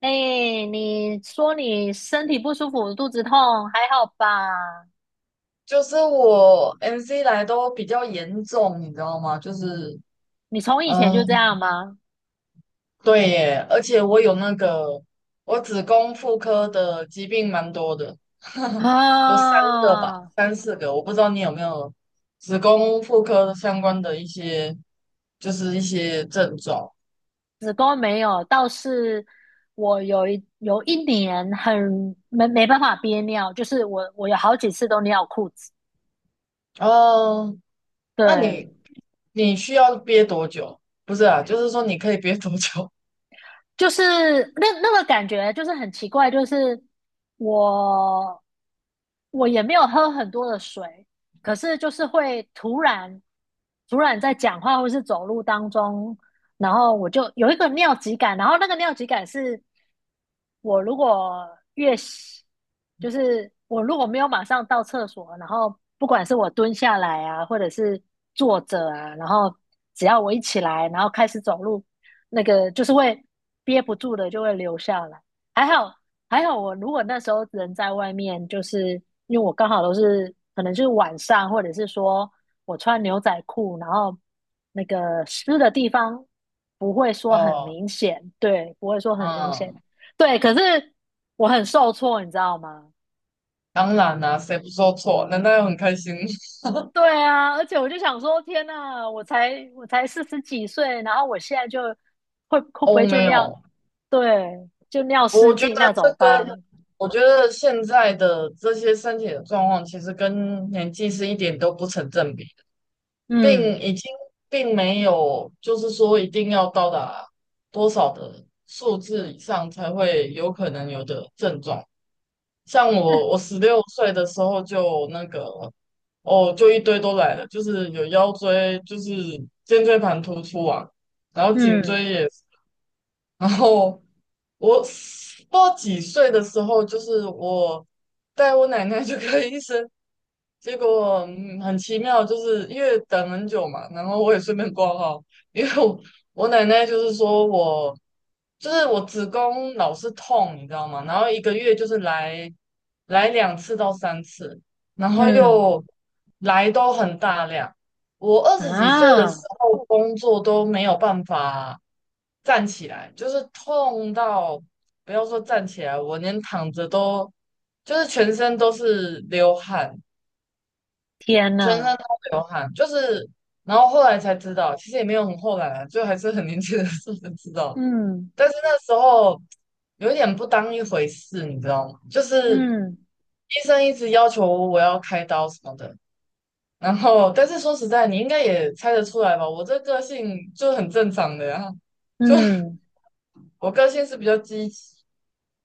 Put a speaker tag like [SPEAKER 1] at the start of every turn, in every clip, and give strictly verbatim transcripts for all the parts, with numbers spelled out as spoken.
[SPEAKER 1] 哎，你说你身体不舒服，肚子痛，还好吧？
[SPEAKER 2] 就是我 M C 来都比较严重，你知道吗？就是，
[SPEAKER 1] 你从以前
[SPEAKER 2] 呃，
[SPEAKER 1] 就这样吗？
[SPEAKER 2] 对耶，而且我有那个，我子宫妇科的疾病蛮多的，有三个吧，
[SPEAKER 1] 啊，
[SPEAKER 2] 三四个，我不知道你有没有子宫妇科相关的一些，就是一些症状。
[SPEAKER 1] 子宫没有，倒是我有一有一年很没没办法憋尿，就是我我有好几次都尿裤子。
[SPEAKER 2] 哦，那
[SPEAKER 1] 对，
[SPEAKER 2] 你你需要憋多久？不是啊，就是说你可以憋多久？
[SPEAKER 1] 就是那那个感觉就是很奇怪，就是我我也没有喝很多的水，可是就是会突然突然在讲话或是走路当中，然后我就有一个尿急感，然后那个尿急感是我如果越洗，就是我如果没有马上到厕所，然后不管是我蹲下来啊，或者是坐着啊，然后只要我一起来，然后开始走路，那个就是会憋不住的就会流下来。还好还好，我如果那时候人在外面，就是因为我刚好都是可能就是晚上，或者是说我穿牛仔裤，然后那个湿的地方不会说很
[SPEAKER 2] 哦，
[SPEAKER 1] 明显，对，不会说很明显。
[SPEAKER 2] 嗯，
[SPEAKER 1] 对，可是我很受挫，你知道吗？
[SPEAKER 2] 当然啦、谁不说错？难道要很开心？
[SPEAKER 1] 对啊，而且我就想说，天呐，我才我才四十几岁，然后我现在就会 会不
[SPEAKER 2] 哦，
[SPEAKER 1] 会就
[SPEAKER 2] 没
[SPEAKER 1] 尿，
[SPEAKER 2] 有，
[SPEAKER 1] 对，就尿失
[SPEAKER 2] 我觉得
[SPEAKER 1] 禁，那怎
[SPEAKER 2] 这
[SPEAKER 1] 么
[SPEAKER 2] 跟
[SPEAKER 1] 办？
[SPEAKER 2] 我觉得现在的这些身体的状况，其实跟年纪是一点都不成正比的，并
[SPEAKER 1] 嗯，
[SPEAKER 2] 已经并没有就是说一定要到达多少的数字以上才会有可能有的症状。像
[SPEAKER 1] 那
[SPEAKER 2] 我，我十六岁的时候就那个哦，就一堆都来了，就是有腰椎，就是肩椎盘突出啊，然后颈
[SPEAKER 1] 嗯
[SPEAKER 2] 椎也是。然后我不知道几岁的时候，就是我带我奶奶去看医生，结果嗯很奇妙，就是因为等很久嘛，然后我也顺便挂号，因为我我奶奶就是说我就是我子宫老是痛，你知道吗？然后一个月就是来来两次到三次，然后
[SPEAKER 1] 嗯
[SPEAKER 2] 又来都很大量。我二十几岁的时
[SPEAKER 1] 啊，
[SPEAKER 2] 候工作都没有办法。站起来，就是痛到不要说站起来，我连躺着都就是全身都是流汗，
[SPEAKER 1] 天
[SPEAKER 2] 全身
[SPEAKER 1] 呐，
[SPEAKER 2] 都流汗，就是然后后来才知道，其实也没有很后来啊，就还是很年轻的时候才知道，
[SPEAKER 1] 嗯
[SPEAKER 2] 但是那时候有一点不当一回事，你知道吗？就是
[SPEAKER 1] 嗯
[SPEAKER 2] 医生一直要求我要开刀什么的。然后，但是说实在，你应该也猜得出来吧？我这个性就很正常的呀、就
[SPEAKER 1] 嗯，
[SPEAKER 2] 我个性是比较积极，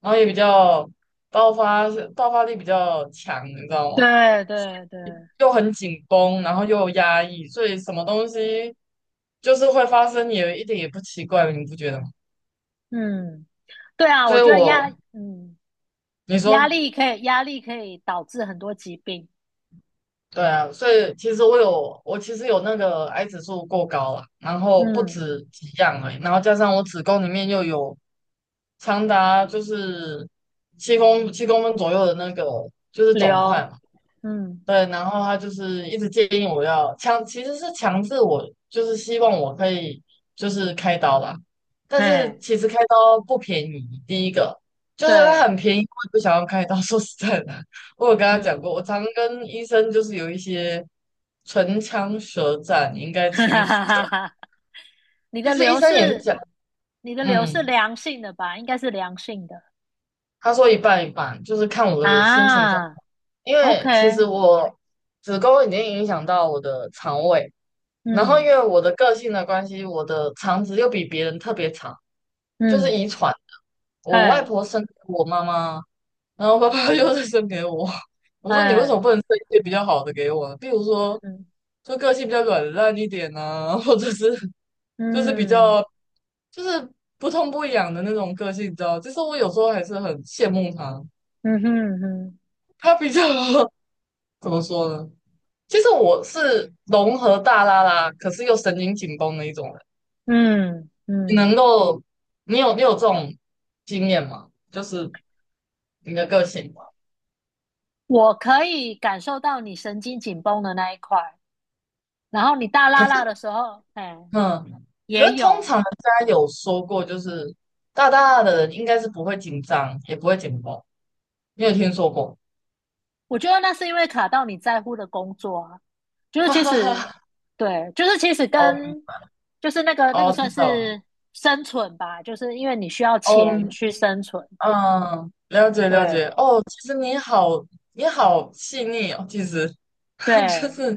[SPEAKER 2] 然后也比较爆发爆发力比较强，你知道吗？
[SPEAKER 1] 对对对，
[SPEAKER 2] 又很紧绷，然后又有压抑，所以什么东西就是会发生，也一点也不奇怪，你不觉得吗？
[SPEAKER 1] 嗯，对啊，
[SPEAKER 2] 所
[SPEAKER 1] 我
[SPEAKER 2] 以
[SPEAKER 1] 觉得压
[SPEAKER 2] 我，
[SPEAKER 1] 嗯
[SPEAKER 2] 你
[SPEAKER 1] 压
[SPEAKER 2] 说，
[SPEAKER 1] 力可以压力可以导致很多疾病，
[SPEAKER 2] 对啊，所以其实我有，我其实有那个癌指数过高了，然后不
[SPEAKER 1] 嗯，
[SPEAKER 2] 止几样而已，然后加上我子宫里面又有长达就是七公七公分左右的那个就是肿块，
[SPEAKER 1] 流，
[SPEAKER 2] 嘛。
[SPEAKER 1] 嗯。
[SPEAKER 2] 对，然后他就是一直建议我要强，其实是强制我，就是希望我可以就是开刀啦。但是
[SPEAKER 1] 嘿，
[SPEAKER 2] 其实开刀不便宜，第一个就是它
[SPEAKER 1] 对，
[SPEAKER 2] 很便宜，我也不想要开刀。说实在的，我有跟他讲
[SPEAKER 1] 嗯，
[SPEAKER 2] 过，我常跟医生就是有一些唇枪舌战，你应 该
[SPEAKER 1] 哈
[SPEAKER 2] 清
[SPEAKER 1] 哈
[SPEAKER 2] 楚
[SPEAKER 1] 哈
[SPEAKER 2] 的。
[SPEAKER 1] 哈哈，你
[SPEAKER 2] 其
[SPEAKER 1] 的
[SPEAKER 2] 实医
[SPEAKER 1] 流
[SPEAKER 2] 生也是
[SPEAKER 1] 是，
[SPEAKER 2] 讲，
[SPEAKER 1] 你的流是
[SPEAKER 2] 嗯，
[SPEAKER 1] 良性的吧？应该是良性的
[SPEAKER 2] 他说一半一半，就是看我的心情状况，
[SPEAKER 1] 啊。
[SPEAKER 2] 因为其
[SPEAKER 1] OK，
[SPEAKER 2] 实我子宫已经影响到我的肠胃。然后因
[SPEAKER 1] 嗯
[SPEAKER 2] 为我的个性的关系，我的肠子又比别人特别长，就是
[SPEAKER 1] 嗯，
[SPEAKER 2] 遗传。我外
[SPEAKER 1] 嘿，
[SPEAKER 2] 婆生给我妈妈，然后爸爸 又是生给我。我说你为什么
[SPEAKER 1] 嘿，
[SPEAKER 2] 不能生一些比较好的给我呢？比如说，
[SPEAKER 1] 嗯
[SPEAKER 2] 就个性比较软烂一点啊，或者是就是比
[SPEAKER 1] 嗯
[SPEAKER 2] 较就是不痛不痒的那种个性，你知道？其实我有时候还是很羡慕他，
[SPEAKER 1] 嗯哼哼，
[SPEAKER 2] 他比较 怎么说呢？其实我是融合大拉拉，可是又神经紧绷的一种人。
[SPEAKER 1] 嗯
[SPEAKER 2] 你
[SPEAKER 1] 嗯，
[SPEAKER 2] 能够，你有你有这种经验吗？就是你的个性，
[SPEAKER 1] 我可以感受到你神经紧绷的那一块，然后你大
[SPEAKER 2] 可
[SPEAKER 1] 拉拉
[SPEAKER 2] 是
[SPEAKER 1] 的时候，哎，
[SPEAKER 2] 嗯，可
[SPEAKER 1] 也
[SPEAKER 2] 是通常
[SPEAKER 1] 有，
[SPEAKER 2] 人家有说过，就是大大的人应该是不会紧张，也不会紧绷。你有听说过？
[SPEAKER 1] 我觉得那是因为卡到你在乎的工作啊，就 是
[SPEAKER 2] 哈
[SPEAKER 1] 其
[SPEAKER 2] 哈
[SPEAKER 1] 实，
[SPEAKER 2] 哈。
[SPEAKER 1] 对，就是其实
[SPEAKER 2] 哦
[SPEAKER 1] 跟就是那个那个
[SPEAKER 2] 哦，知
[SPEAKER 1] 算
[SPEAKER 2] 道了。
[SPEAKER 1] 是生存吧，就是因为你需要
[SPEAKER 2] 哦
[SPEAKER 1] 钱
[SPEAKER 2] 嗯，
[SPEAKER 1] 去生存，
[SPEAKER 2] 嗯了解了
[SPEAKER 1] 对
[SPEAKER 2] 解。哦，其实你好，你好细腻哦，其实 就
[SPEAKER 1] 对，
[SPEAKER 2] 是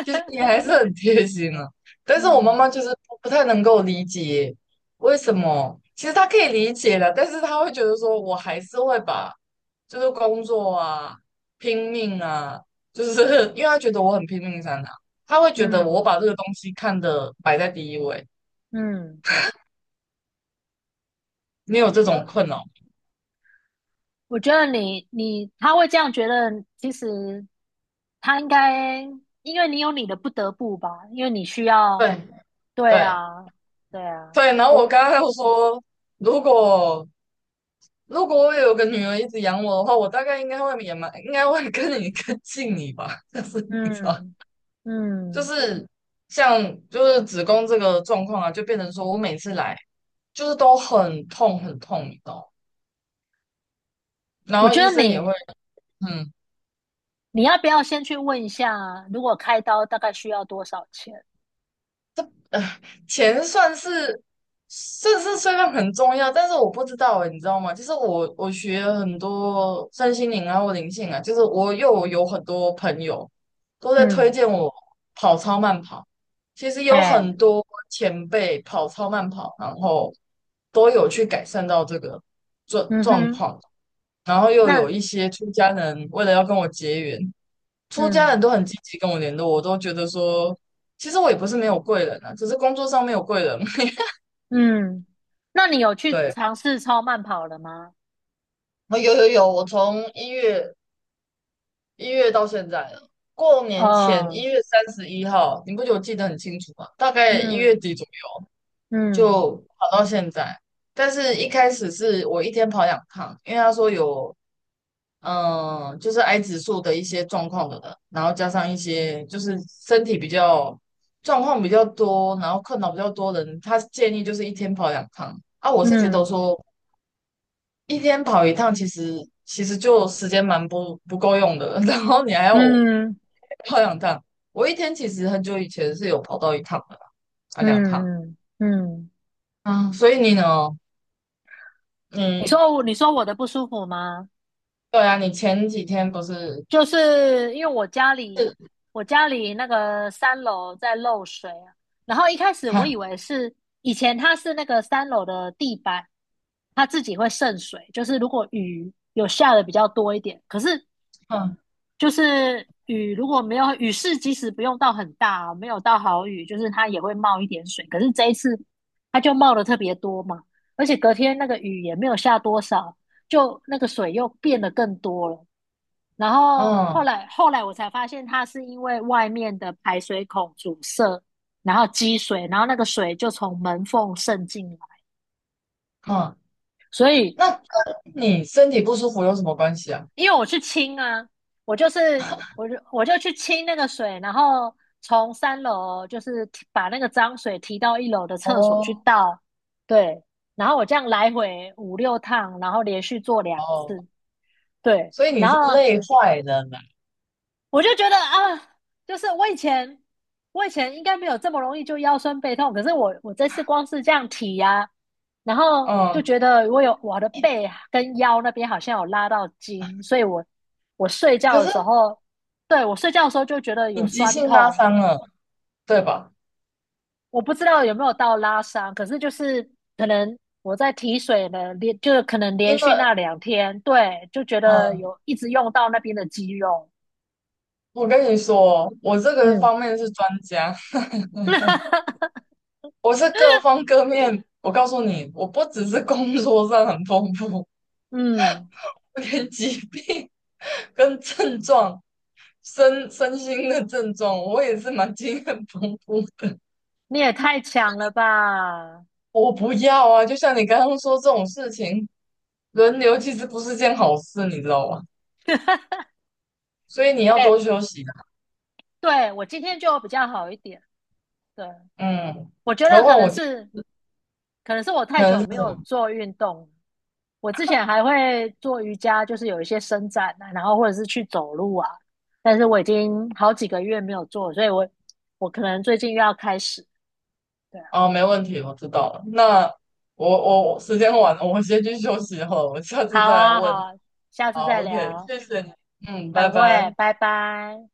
[SPEAKER 2] 其实你 还是很贴心啊，但是我妈
[SPEAKER 1] 嗯
[SPEAKER 2] 妈就是不不太能够理解为什么。其实她可以理解的，但是她会觉得说，我还是会把就是工作啊、拼命啊，就是 因为她觉得我很拼命在哪，她会觉得
[SPEAKER 1] 嗯
[SPEAKER 2] 我把这个东西看的摆在第一位。
[SPEAKER 1] 嗯，
[SPEAKER 2] 你有这种
[SPEAKER 1] 有，
[SPEAKER 2] 困扰吗？
[SPEAKER 1] 我觉得你你他会这样觉得，其实他应该因为你有你的不得不吧，因为你需要，
[SPEAKER 2] 对
[SPEAKER 1] 对
[SPEAKER 2] 对
[SPEAKER 1] 啊对啊，
[SPEAKER 2] 对，然后我
[SPEAKER 1] 我
[SPEAKER 2] 刚刚又说，如果如果我有个女儿一直养我的话，我大概应该会也蛮，应该会跟你更近你吧。但是你知道，
[SPEAKER 1] 嗯。
[SPEAKER 2] 就
[SPEAKER 1] 嗯
[SPEAKER 2] 是像就是子宫这个状况啊，就变成说我每次来就是都很痛很痛，你知道吗？然
[SPEAKER 1] 我
[SPEAKER 2] 后
[SPEAKER 1] 觉
[SPEAKER 2] 医
[SPEAKER 1] 得
[SPEAKER 2] 生也
[SPEAKER 1] 你
[SPEAKER 2] 会，嗯。
[SPEAKER 1] 你要不要先去问一下，如果开刀大概需要多少钱？
[SPEAKER 2] 呃，钱算是算是虽然很重要，但是我不知道欸，你知道吗？就是我我学了很多身心灵啊或灵性啊，就是我又有很多朋友都在推
[SPEAKER 1] 嗯，
[SPEAKER 2] 荐我跑超慢跑。其实
[SPEAKER 1] 嘿，
[SPEAKER 2] 有很多前辈跑超慢跑，然后都有去改善到这个状
[SPEAKER 1] 嗯
[SPEAKER 2] 状
[SPEAKER 1] 哼，
[SPEAKER 2] 况，然后又有
[SPEAKER 1] 那
[SPEAKER 2] 一些出家人为了要跟我结缘，出家
[SPEAKER 1] 嗯
[SPEAKER 2] 人都很积极跟我联络，我都觉得说，其实我也不是没有贵人啊，只是工作上没有贵人。
[SPEAKER 1] 嗯，那你有去
[SPEAKER 2] 对，
[SPEAKER 1] 尝试超慢跑了吗？
[SPEAKER 2] 哦有有有，我从一月一月到现在了过年前
[SPEAKER 1] 哦，
[SPEAKER 2] 一月三十一号，你不觉得我记得很清楚吗？大概一
[SPEAKER 1] 嗯
[SPEAKER 2] 月底左右
[SPEAKER 1] 嗯
[SPEAKER 2] 就跑到现在，但是一开始是我一天跑两趟，因为他说有嗯，就是癌指数的一些状况的人，然后加上一些就是身体比较状况比较多，然后困扰比较多的人，他建议就是一天跑两趟啊。我是觉得
[SPEAKER 1] 嗯
[SPEAKER 2] 说一天跑一趟，其实其实就时间蛮不不够用的，然后你还要我
[SPEAKER 1] 嗯
[SPEAKER 2] 跑两趟，我一天其实很久以前是有跑到一趟的啦啊，两趟
[SPEAKER 1] 嗯嗯嗯，
[SPEAKER 2] 啊，所以你呢？
[SPEAKER 1] 你
[SPEAKER 2] 嗯，
[SPEAKER 1] 说我你说我的不舒服吗？
[SPEAKER 2] 对啊，你前几天不是，
[SPEAKER 1] 就是因为我家里我家里那个三楼在漏水啊，然后 一开始我
[SPEAKER 2] 哈，
[SPEAKER 1] 以为是以前它是那个三楼的地板，它自己会渗水，就是如果雨有下的比较多一点，可是
[SPEAKER 2] 嗯
[SPEAKER 1] 就是雨如果没有雨势，即使不用到很大哦没有到好雨，就是它也会冒一点水，可是这一次它就冒的特别多嘛，而且隔天那个雨也没有下多少，就那个水又变得更多了。然后后
[SPEAKER 2] 嗯
[SPEAKER 1] 来后来我才发现，它是因为外面的排水孔阻塞，然后积水，然后那个水就从门缝渗进来。
[SPEAKER 2] 嗯，
[SPEAKER 1] 所以
[SPEAKER 2] 那。你身体不舒服有什么关系啊？
[SPEAKER 1] 因为我去清啊，我就是我就我就去清那个水，然后从三楼就是提把那个脏水提到一楼的厕所去
[SPEAKER 2] 哦
[SPEAKER 1] 倒，对，然后我这样来回五六趟，然后连续做两
[SPEAKER 2] 哦，
[SPEAKER 1] 次，对，
[SPEAKER 2] 所以你
[SPEAKER 1] 然
[SPEAKER 2] 是
[SPEAKER 1] 后
[SPEAKER 2] 累坏了嘛？
[SPEAKER 1] 我就觉得啊，就是我以前我以前应该没有这么容易就腰酸背痛，可是我我这次光是这样提呀、啊然后就
[SPEAKER 2] 嗯，
[SPEAKER 1] 觉得我有我的背跟腰那边好像有拉到筋，所以我我睡觉
[SPEAKER 2] 可
[SPEAKER 1] 的
[SPEAKER 2] 是
[SPEAKER 1] 时候，对，我睡觉的时候就觉得有
[SPEAKER 2] 你急
[SPEAKER 1] 酸
[SPEAKER 2] 性拉
[SPEAKER 1] 痛，
[SPEAKER 2] 伤了，对吧？
[SPEAKER 1] 我不知道有没有到拉伤，可是就是可能我在提水呢，连就是可能连
[SPEAKER 2] 因
[SPEAKER 1] 续
[SPEAKER 2] 为
[SPEAKER 1] 那两天，对，就觉得
[SPEAKER 2] 嗯，
[SPEAKER 1] 有一直用到那边的肌肉，
[SPEAKER 2] 我跟你说，我这个
[SPEAKER 1] 嗯
[SPEAKER 2] 方面是专家，我是各方各面。我告诉你，我不只是工作上很丰富，
[SPEAKER 1] 嗯。
[SPEAKER 2] 我连疾病跟症状、身身心的症状，我也是蛮经验丰富的。
[SPEAKER 1] 你也太强了吧！
[SPEAKER 2] 我不要啊！就像你刚刚说这种事情，轮流其实不是件好事，你知道吗？所以你要多
[SPEAKER 1] 哎，
[SPEAKER 2] 休息的。
[SPEAKER 1] 对，我今天就比较好一点。对，
[SPEAKER 2] 嗯，
[SPEAKER 1] 我觉得
[SPEAKER 2] 何
[SPEAKER 1] 可
[SPEAKER 2] 况
[SPEAKER 1] 能
[SPEAKER 2] 我今天。
[SPEAKER 1] 是，可能是我太
[SPEAKER 2] 可能
[SPEAKER 1] 久
[SPEAKER 2] 是
[SPEAKER 1] 没
[SPEAKER 2] 什
[SPEAKER 1] 有
[SPEAKER 2] 么？
[SPEAKER 1] 做运动了我之前还会做瑜伽，就是有一些伸展啊，然后或者是去走路啊。但是我已经好几个月没有做了所以我我可能最近又要开始。对啊，
[SPEAKER 2] 啊？没问题，我知道了。那我我我时间晚了，我先去休息好了，我下次
[SPEAKER 1] 好
[SPEAKER 2] 再来
[SPEAKER 1] 啊，好
[SPEAKER 2] 问你。
[SPEAKER 1] 啊，下次
[SPEAKER 2] 好
[SPEAKER 1] 再
[SPEAKER 2] ，OK,
[SPEAKER 1] 聊，
[SPEAKER 2] 谢谢你。嗯，
[SPEAKER 1] 拜
[SPEAKER 2] 拜
[SPEAKER 1] 拜，
[SPEAKER 2] 拜。
[SPEAKER 1] 拜拜。